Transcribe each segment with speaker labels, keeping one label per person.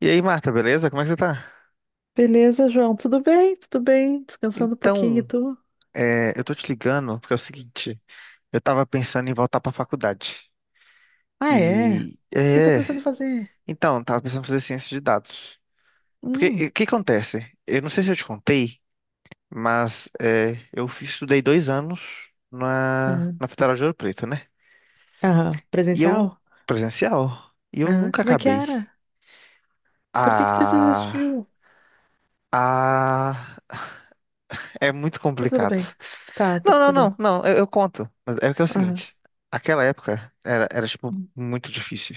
Speaker 1: E aí, Marta, beleza? Como é que você tá?
Speaker 2: Beleza, João? Tudo bem? Tudo bem? Descansando um pouquinho e
Speaker 1: Então,
Speaker 2: tu?
Speaker 1: eu tô te ligando porque é o seguinte, eu tava pensando em voltar pra faculdade.
Speaker 2: Ah, é? O
Speaker 1: E,
Speaker 2: que tá pensando em fazer?
Speaker 1: então, tava pensando em fazer ciência de dados. Porque,
Speaker 2: Hum,
Speaker 1: o que acontece? Eu não sei se eu te contei, mas estudei 2 anos na,
Speaker 2: ah,
Speaker 1: na Federal de Ouro Preto, né?
Speaker 2: ah,
Speaker 1: E eu,
Speaker 2: presencial?
Speaker 1: presencial, e eu
Speaker 2: Ah,
Speaker 1: nunca
Speaker 2: como é que
Speaker 1: acabei.
Speaker 2: era? Por que que tu
Speaker 1: Ah,
Speaker 2: desistiu?
Speaker 1: ah, é muito
Speaker 2: Tá tudo
Speaker 1: complicado.
Speaker 2: bem. Tá
Speaker 1: Não, não,
Speaker 2: tudo
Speaker 1: não,
Speaker 2: bem.
Speaker 1: não, eu conto. Mas é que é o
Speaker 2: Aham,
Speaker 1: seguinte, aquela época era, tipo,
Speaker 2: hum,
Speaker 1: muito difícil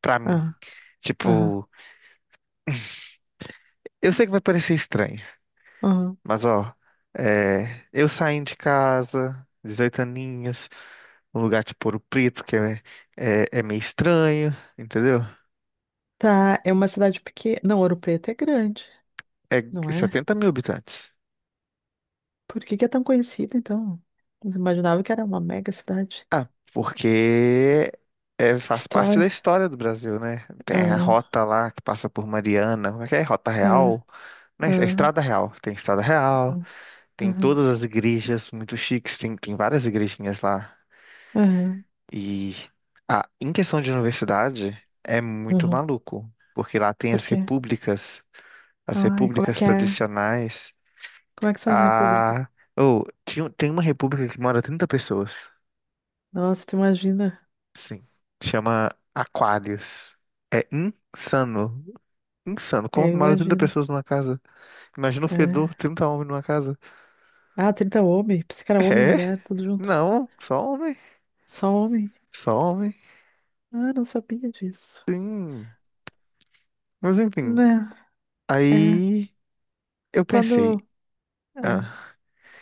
Speaker 1: pra mim.
Speaker 2: aham, aham,
Speaker 1: Tipo, eu sei que vai parecer estranho,
Speaker 2: aham.
Speaker 1: mas ó, eu saindo de casa, 18 aninhos, um lugar tipo Ouro Preto, que é meio estranho, entendeu?
Speaker 2: Tá, é uma cidade pequena. Não, Ouro Preto é grande,
Speaker 1: É
Speaker 2: não é?
Speaker 1: 70 mil habitantes.
Speaker 2: Por que que é tão conhecida, então? Eu imaginava que era uma mega cidade.
Speaker 1: Ah, porque faz parte da
Speaker 2: História.
Speaker 1: história do Brasil, né? Tem a
Speaker 2: Ah,
Speaker 1: rota lá que passa por Mariana, como é que é? Rota
Speaker 2: tá,
Speaker 1: Real? Não, é
Speaker 2: ah,
Speaker 1: Estrada Real.
Speaker 2: ah,
Speaker 1: Tem
Speaker 2: aham,
Speaker 1: todas as igrejas muito chiques, tem várias igrejinhas lá.
Speaker 2: aham,
Speaker 1: E em questão de universidade, é muito
Speaker 2: aham.
Speaker 1: maluco, porque lá tem
Speaker 2: Por quê?
Speaker 1: as
Speaker 2: Ai, como é
Speaker 1: repúblicas
Speaker 2: que é?
Speaker 1: tradicionais.
Speaker 2: Como é que são as repúblicas?
Speaker 1: Ah, oh, tem uma república que mora 30 pessoas,
Speaker 2: Nossa, tu imagina?
Speaker 1: sim, chama Aquários. É insano, insano.
Speaker 2: É,
Speaker 1: Como que mora 30
Speaker 2: imagina.
Speaker 1: pessoas numa casa? Imagina o
Speaker 2: É.
Speaker 1: fedor, 30 homens numa casa.
Speaker 2: Ah, 30 homem. Pensei que era homem e
Speaker 1: É?
Speaker 2: mulher, tudo junto.
Speaker 1: Não, só homem,
Speaker 2: Só homem?
Speaker 1: só homem.
Speaker 2: Ah, não sabia disso.
Speaker 1: Sim. Mas enfim,
Speaker 2: Né, é.
Speaker 1: aí eu pensei,
Speaker 2: Quando. ah,
Speaker 1: ah,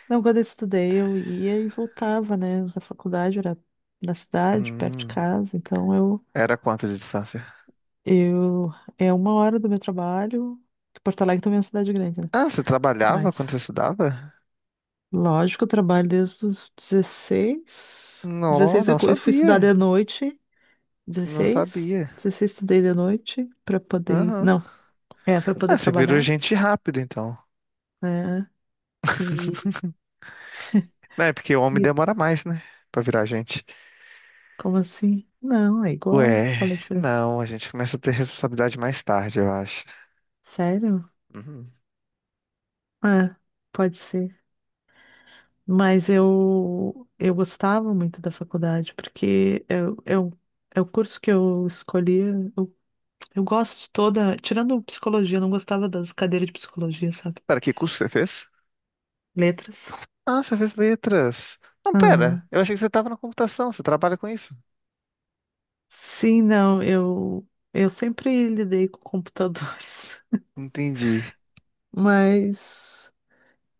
Speaker 2: Não, quando eu estudei, eu ia e voltava, né? Da faculdade, era na cidade, perto de
Speaker 1: hum,
Speaker 2: casa.
Speaker 1: era quanto de distância?
Speaker 2: Eu. É uma hora do meu trabalho. Que Porto Alegre também é uma cidade grande, né?
Speaker 1: Ah, você trabalhava
Speaker 2: Mas.
Speaker 1: quando você estudava?
Speaker 2: Lógico, eu trabalho desde os dezesseis
Speaker 1: Não,
Speaker 2: dezesseis
Speaker 1: não
Speaker 2: eu fui estudar
Speaker 1: sabia.
Speaker 2: de noite.
Speaker 1: Não
Speaker 2: Dezesseis
Speaker 1: sabia.
Speaker 2: 16 estudei de noite para poder.
Speaker 1: Aham.
Speaker 2: Não, é para poder
Speaker 1: Ah, você virou
Speaker 2: trabalhar,
Speaker 1: gente rápido, então.
Speaker 2: né? E,
Speaker 1: Não, é porque o homem
Speaker 2: e
Speaker 1: demora mais, né? Pra virar gente.
Speaker 2: Como assim? Não, é igual.
Speaker 1: Ué,
Speaker 2: Qual é a diferença?
Speaker 1: não, a gente começa a ter responsabilidade mais tarde, eu acho.
Speaker 2: Sério?
Speaker 1: Uhum.
Speaker 2: É, pode ser. Mas eu gostava muito da faculdade, porque é o curso que eu escolhi. Eu, eu gosto de toda. Tirando psicologia, eu não gostava das cadeiras de psicologia, sabe?
Speaker 1: Pera, que curso você fez?
Speaker 2: Letras.
Speaker 1: Ah, você fez letras. Não,
Speaker 2: Aham.
Speaker 1: pera, eu achei que você tava na computação, você trabalha com isso.
Speaker 2: Sim, não, eu sempre lidei com computadores,
Speaker 1: Entendi.
Speaker 2: mas,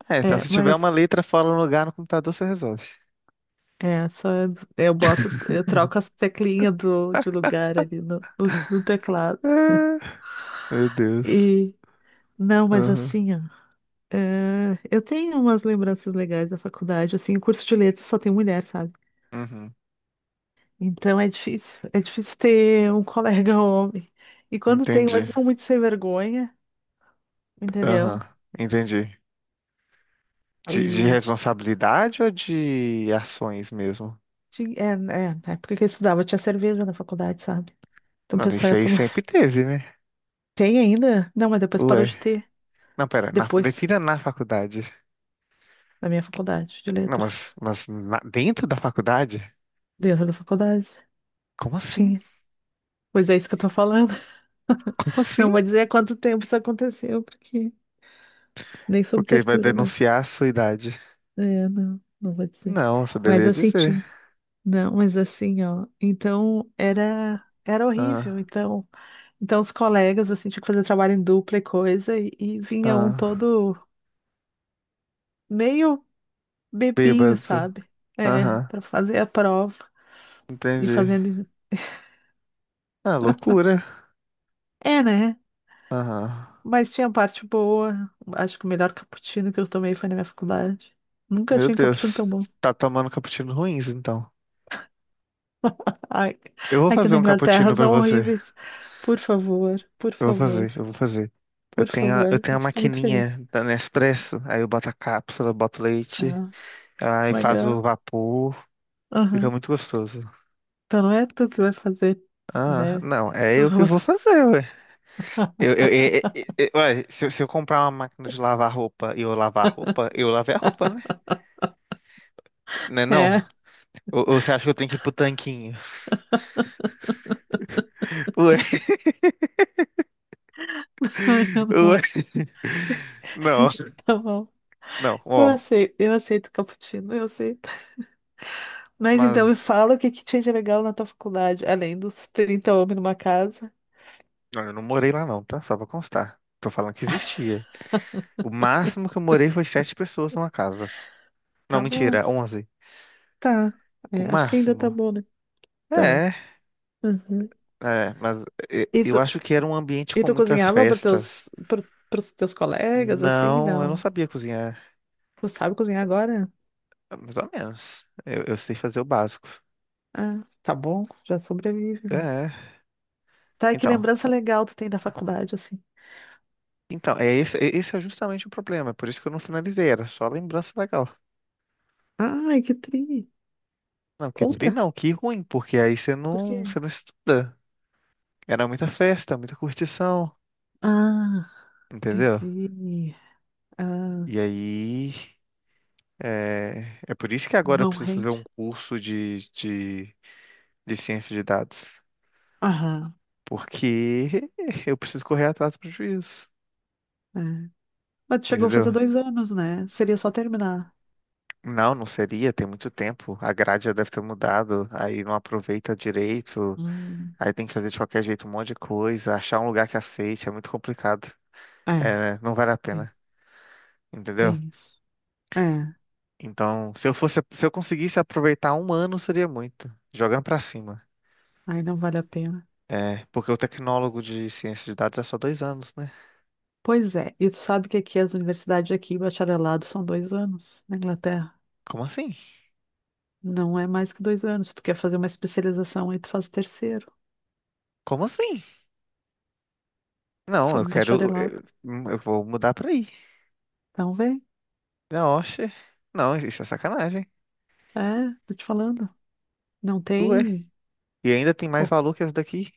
Speaker 1: É, então se tiver uma
Speaker 2: mas,
Speaker 1: letra fora do lugar no computador, você resolve.
Speaker 2: é, só eu boto, eu troco as teclinhas do, de lugar ali no teclado.
Speaker 1: Ah, meu Deus.
Speaker 2: E, não, mas
Speaker 1: Aham.
Speaker 2: assim, ó, é, eu tenho umas lembranças legais da faculdade, assim, o curso de letras só tem mulher, sabe?
Speaker 1: Uhum.
Speaker 2: Então é difícil ter um colega homem. E quando tem,
Speaker 1: Entendi.
Speaker 2: eles são muito sem vergonha,
Speaker 1: Aham.
Speaker 2: entendeu?
Speaker 1: Entendi. De
Speaker 2: E
Speaker 1: responsabilidade ou de ações mesmo?
Speaker 2: Ti- É, é, na época que eu estudava tinha cerveja na faculdade, sabe? Então o
Speaker 1: Não,
Speaker 2: pessoal
Speaker 1: isso
Speaker 2: ia
Speaker 1: aí
Speaker 2: tomar.
Speaker 1: sempre teve, né?
Speaker 2: Tem ainda? Não, mas depois parou
Speaker 1: Ué.
Speaker 2: de ter.
Speaker 1: Não, pera.
Speaker 2: Depois,
Speaker 1: Defina na faculdade.
Speaker 2: na minha faculdade de
Speaker 1: Não,
Speaker 2: letras.
Speaker 1: mas dentro da faculdade?
Speaker 2: Dentro da faculdade,
Speaker 1: Como assim?
Speaker 2: tinha. Pois é isso que eu tô falando.
Speaker 1: Como assim?
Speaker 2: Não vou dizer há quanto tempo isso aconteceu, porque nem sob
Speaker 1: Porque vai
Speaker 2: tortura, mas.
Speaker 1: denunciar a sua idade.
Speaker 2: É, não, não vou dizer.
Speaker 1: Não, você
Speaker 2: Mas
Speaker 1: deveria
Speaker 2: assim,
Speaker 1: dizer.
Speaker 2: tinha. Não, mas assim, ó. Então era horrível.
Speaker 1: Ah,
Speaker 2: Então. Então, os colegas, assim, tinham que fazer trabalho em dupla e coisa, e vinha um
Speaker 1: ah.
Speaker 2: todo meio bebinho,
Speaker 1: Bêbado.
Speaker 2: sabe? É,
Speaker 1: Aham.
Speaker 2: para fazer a prova e
Speaker 1: Entendi.
Speaker 2: fazendo.
Speaker 1: Ah, loucura.
Speaker 2: É, né?
Speaker 1: Aham.
Speaker 2: Mas tinha parte boa. Acho que o melhor cappuccino que eu tomei foi na minha faculdade. Nunca
Speaker 1: Meu
Speaker 2: tinha um cappuccino
Speaker 1: Deus.
Speaker 2: tão bom.
Speaker 1: Tá tomando cappuccino ruins, então.
Speaker 2: Ai,
Speaker 1: Eu vou
Speaker 2: aqui
Speaker 1: fazer
Speaker 2: na
Speaker 1: um
Speaker 2: Inglaterra
Speaker 1: cappuccino pra
Speaker 2: são
Speaker 1: você.
Speaker 2: horríveis. Por favor, por
Speaker 1: Eu vou
Speaker 2: favor,
Speaker 1: fazer, eu vou fazer. Eu
Speaker 2: por
Speaker 1: tenho a, eu
Speaker 2: favor.
Speaker 1: tenho
Speaker 2: Eu
Speaker 1: a
Speaker 2: fico muito
Speaker 1: maquininha
Speaker 2: feliz.
Speaker 1: da Nespresso, aí eu boto a cápsula, boto leite,
Speaker 2: Ah,
Speaker 1: aí faz o
Speaker 2: legal.
Speaker 1: vapor, fica
Speaker 2: Aham.
Speaker 1: muito gostoso.
Speaker 2: Então não é tu que vai fazer,
Speaker 1: Ah,
Speaker 2: né?
Speaker 1: não, é
Speaker 2: Tu
Speaker 1: eu
Speaker 2: vai
Speaker 1: que vou
Speaker 2: botar.
Speaker 1: fazer, ué. Eu ué, se eu comprar uma máquina de lavar roupa e eu lavar a roupa, eu lavei a roupa, né? Né não?
Speaker 2: É,
Speaker 1: Ou você acha que eu tenho que ir pro tanquinho? Ué,
Speaker 2: eu não.
Speaker 1: ué. Não.
Speaker 2: Tá bom.
Speaker 1: Não, ó,
Speaker 2: Eu aceito cappuccino, eu aceito. Mas então me
Speaker 1: mas.
Speaker 2: fala o que que tinha de legal na tua faculdade, além dos trinta homens numa casa.
Speaker 1: Olha, eu não morei lá não, tá? Só pra constar. Tô falando que existia. O máximo que eu morei foi sete pessoas numa casa. Não,
Speaker 2: Tá bom.
Speaker 1: mentira, 11.
Speaker 2: Tá.
Speaker 1: O
Speaker 2: É, acho que ainda tá
Speaker 1: máximo.
Speaker 2: bom, né? Tá.
Speaker 1: É,
Speaker 2: Uhum.
Speaker 1: é, mas
Speaker 2: E
Speaker 1: eu
Speaker 2: tu,
Speaker 1: acho que era um ambiente
Speaker 2: e
Speaker 1: com
Speaker 2: tu
Speaker 1: muitas
Speaker 2: cozinhava para
Speaker 1: festas.
Speaker 2: teus, pros teus colegas, assim?
Speaker 1: Não, eu não
Speaker 2: Não.
Speaker 1: sabia cozinhar.
Speaker 2: Tu sabe cozinhar agora?
Speaker 1: Mais ou menos. Eu sei fazer o básico.
Speaker 2: Ah, tá bom. Já sobrevive, né?
Speaker 1: É,
Speaker 2: Tá, e que
Speaker 1: então.
Speaker 2: lembrança legal tu tem da faculdade, assim.
Speaker 1: Então, esse é justamente o problema. Por isso que eu não finalizei, era só lembrança legal.
Speaker 2: Ai, que tri.
Speaker 1: Não, que tri
Speaker 2: Conta.
Speaker 1: não, que ruim, porque aí
Speaker 2: Por quê?
Speaker 1: você não estuda. Era muita festa, muita curtição,
Speaker 2: Ah,
Speaker 1: entendeu?
Speaker 2: entendi. Ah,
Speaker 1: E aí, é por isso que agora eu
Speaker 2: não
Speaker 1: preciso fazer
Speaker 2: rende?
Speaker 1: um curso de ciência de dados.
Speaker 2: Aham.
Speaker 1: Porque eu preciso correr atrás do prejuízo,
Speaker 2: É. Mas tu chegou a
Speaker 1: entendeu?
Speaker 2: fazer dois anos, né? Seria só terminar.
Speaker 1: Não, não seria, tem muito tempo. A grade já deve ter mudado, aí não aproveita direito,
Speaker 2: Hum,
Speaker 1: aí tem que fazer de qualquer jeito um monte de coisa, achar um lugar que aceite, é muito complicado.
Speaker 2: é,
Speaker 1: É, né? Não vale a
Speaker 2: tem,
Speaker 1: pena, entendeu?
Speaker 2: tem isso. É,
Speaker 1: Então, se eu fosse, se eu conseguisse aproveitar um ano, seria muito. Jogando pra cima.
Speaker 2: aí não vale a pena.
Speaker 1: É, porque o tecnólogo de ciência de dados é só 2 anos, né?
Speaker 2: Pois é, e tu sabe que aqui as universidades aqui, bacharelado, são dois anos na Inglaterra.
Speaker 1: Como assim?
Speaker 2: Não é mais que dois anos. Se tu quer fazer uma especialização, aí tu faz o terceiro,
Speaker 1: Como assim?
Speaker 2: tu
Speaker 1: Não,
Speaker 2: faz
Speaker 1: eu quero.
Speaker 2: bacharelado.
Speaker 1: Eu vou mudar pra aí.
Speaker 2: Então vem.
Speaker 1: Não, oxe. Não, isso é sacanagem.
Speaker 2: É, tô te falando. Não
Speaker 1: Ué.
Speaker 2: tem.
Speaker 1: E ainda tem mais
Speaker 2: Bom,
Speaker 1: valor que essa daqui,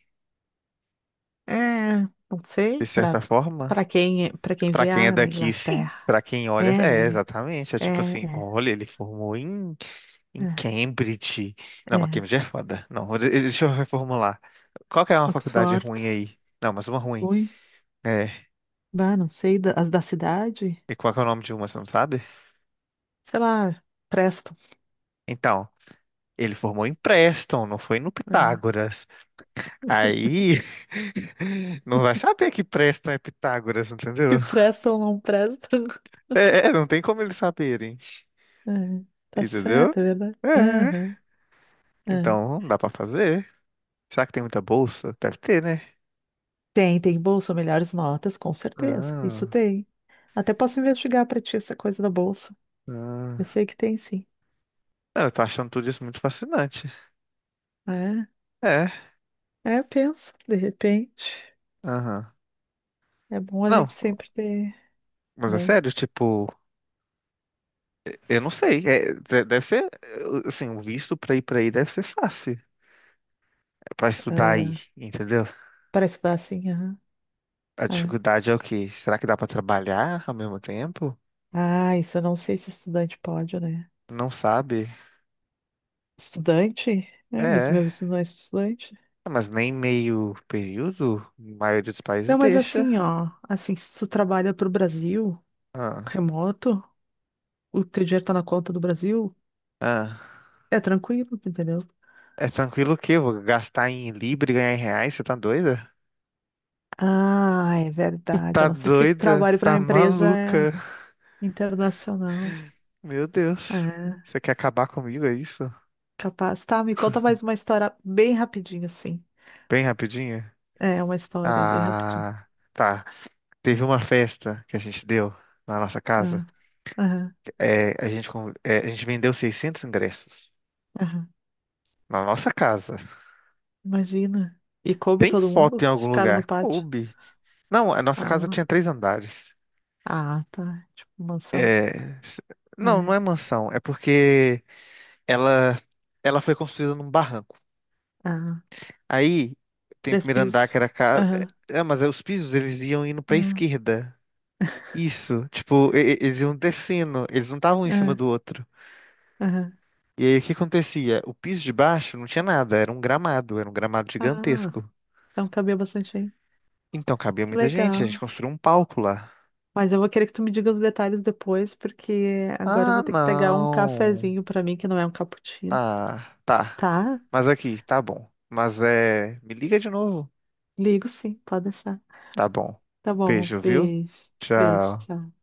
Speaker 2: é, não
Speaker 1: de
Speaker 2: sei,
Speaker 1: certa forma.
Speaker 2: pra quem, para quem
Speaker 1: Pra
Speaker 2: vê,
Speaker 1: quem é
Speaker 2: ah, na
Speaker 1: daqui, sim.
Speaker 2: Inglaterra.
Speaker 1: Pra quem olha,
Speaker 2: É,
Speaker 1: é,
Speaker 2: né?
Speaker 1: exatamente. É
Speaker 2: É,
Speaker 1: tipo assim,
Speaker 2: é,
Speaker 1: olha, ele formou em
Speaker 2: é,
Speaker 1: Cambridge. Não, mas
Speaker 2: é.
Speaker 1: Cambridge é foda. Não, deixa eu reformular. Qual que é uma faculdade
Speaker 2: Oxford.
Speaker 1: ruim aí? Não, mas uma ruim.
Speaker 2: Ruim.
Speaker 1: É.
Speaker 2: Bah, não sei, as da cidade,
Speaker 1: E qual que é o nome de uma, você não sabe?
Speaker 2: sei lá, prestam.
Speaker 1: Então, ele formou em Preston, não foi no
Speaker 2: É.
Speaker 1: Pitágoras. Aí, não vai saber que Preston é Pitágoras, entendeu?
Speaker 2: Que prestam ou não prestam.
Speaker 1: É, não tem como eles saberem,
Speaker 2: É, tá
Speaker 1: entendeu?
Speaker 2: certo, é verdade.
Speaker 1: É,
Speaker 2: Aham, é.
Speaker 1: então, não dá pra fazer. Será que tem muita bolsa? Deve ter, né?
Speaker 2: Tem, tem bolsa, melhores notas, com certeza. Isso
Speaker 1: Ah,
Speaker 2: tem. Até posso investigar pra ti essa coisa da bolsa. Eu
Speaker 1: ah.
Speaker 2: sei que tem, sim.
Speaker 1: Não, eu tô achando tudo isso muito fascinante.
Speaker 2: É,
Speaker 1: É,
Speaker 2: é, pensa, de repente.
Speaker 1: aham.
Speaker 2: É bom a
Speaker 1: Não,
Speaker 2: gente sempre ter,
Speaker 1: mas é
Speaker 2: né?
Speaker 1: sério, tipo. Eu não sei, deve ser, assim, o visto pra ir pra aí deve ser fácil, é pra estudar aí,
Speaker 2: Ah,
Speaker 1: entendeu?
Speaker 2: pra estudar assim, aham.
Speaker 1: A
Speaker 2: É.
Speaker 1: dificuldade é o quê? Será que dá pra trabalhar ao mesmo tempo?
Speaker 2: Ah, isso eu não sei se estudante pode, né?
Speaker 1: Não sabe?
Speaker 2: Estudante? É, mas
Speaker 1: É,
Speaker 2: meu visto não é estudante.
Speaker 1: mas nem meio período, a maioria dos países
Speaker 2: Não, mas
Speaker 1: deixa.
Speaker 2: assim, ó, assim, se tu trabalha pro Brasil,
Speaker 1: Ah,
Speaker 2: remoto, o teu dinheiro tá na conta do Brasil,
Speaker 1: ah.
Speaker 2: é tranquilo, tu entendeu?
Speaker 1: É tranquilo o quê? Eu vou gastar em libra e ganhar em reais? Você tá doida?
Speaker 2: Ah, é verdade, a
Speaker 1: Tá
Speaker 2: não ser que tu
Speaker 1: doida?
Speaker 2: trabalhe pra
Speaker 1: Tá
Speaker 2: uma empresa é,
Speaker 1: maluca?
Speaker 2: internacional.
Speaker 1: Meu Deus.
Speaker 2: É,
Speaker 1: Você quer acabar comigo, é isso?
Speaker 2: capaz. Tá, me conta mais uma história bem rapidinho, assim.
Speaker 1: Bem rapidinho?
Speaker 2: É, uma história bem rapidinho.
Speaker 1: Ah, tá. Teve uma festa que a gente deu na nossa
Speaker 2: É,
Speaker 1: casa.
Speaker 2: aham,
Speaker 1: É, a gente vendeu 600 ingressos
Speaker 2: aham.
Speaker 1: na nossa casa.
Speaker 2: Imagina. E coube
Speaker 1: Tem
Speaker 2: todo
Speaker 1: foto
Speaker 2: mundo?
Speaker 1: em algum
Speaker 2: Ficaram no
Speaker 1: lugar?
Speaker 2: pátio.
Speaker 1: Coube. Não, a nossa casa
Speaker 2: Ah,
Speaker 1: tinha três andares.
Speaker 2: ah, tá. Tipo, mansão.
Speaker 1: É, s- não, não
Speaker 2: É,
Speaker 1: é mansão. É porque ela, ela foi construída num barranco.
Speaker 2: ah,
Speaker 1: Aí tem o
Speaker 2: três
Speaker 1: primeiro andar que
Speaker 2: pisos.
Speaker 1: era casa.
Speaker 2: Aham,
Speaker 1: É, mas aí os pisos eles iam indo pra
Speaker 2: aham.
Speaker 1: esquerda. Isso, tipo, eles iam descendo, eles não estavam em cima
Speaker 2: Ah,
Speaker 1: do outro.
Speaker 2: aham.
Speaker 1: E aí o que acontecia? O piso de baixo não tinha nada, era um gramado
Speaker 2: Ah,
Speaker 1: gigantesco.
Speaker 2: então cabia bastante aí.
Speaker 1: Então cabia
Speaker 2: Que
Speaker 1: muita gente, a gente
Speaker 2: legal.
Speaker 1: construiu um palco lá.
Speaker 2: Mas eu vou querer que tu me diga os detalhes depois, porque agora eu
Speaker 1: Ah,
Speaker 2: vou ter que pegar um
Speaker 1: não.
Speaker 2: cafezinho pra mim, que não é um cappuccino.
Speaker 1: Ah, tá.
Speaker 2: Tá?
Speaker 1: Mas aqui, tá bom. Mas é. Me liga de novo.
Speaker 2: Ligo sim, pode deixar.
Speaker 1: Tá bom.
Speaker 2: Tá bom,
Speaker 1: Beijo, viu?
Speaker 2: beijo. Beijo,
Speaker 1: Tchau.
Speaker 2: tchau.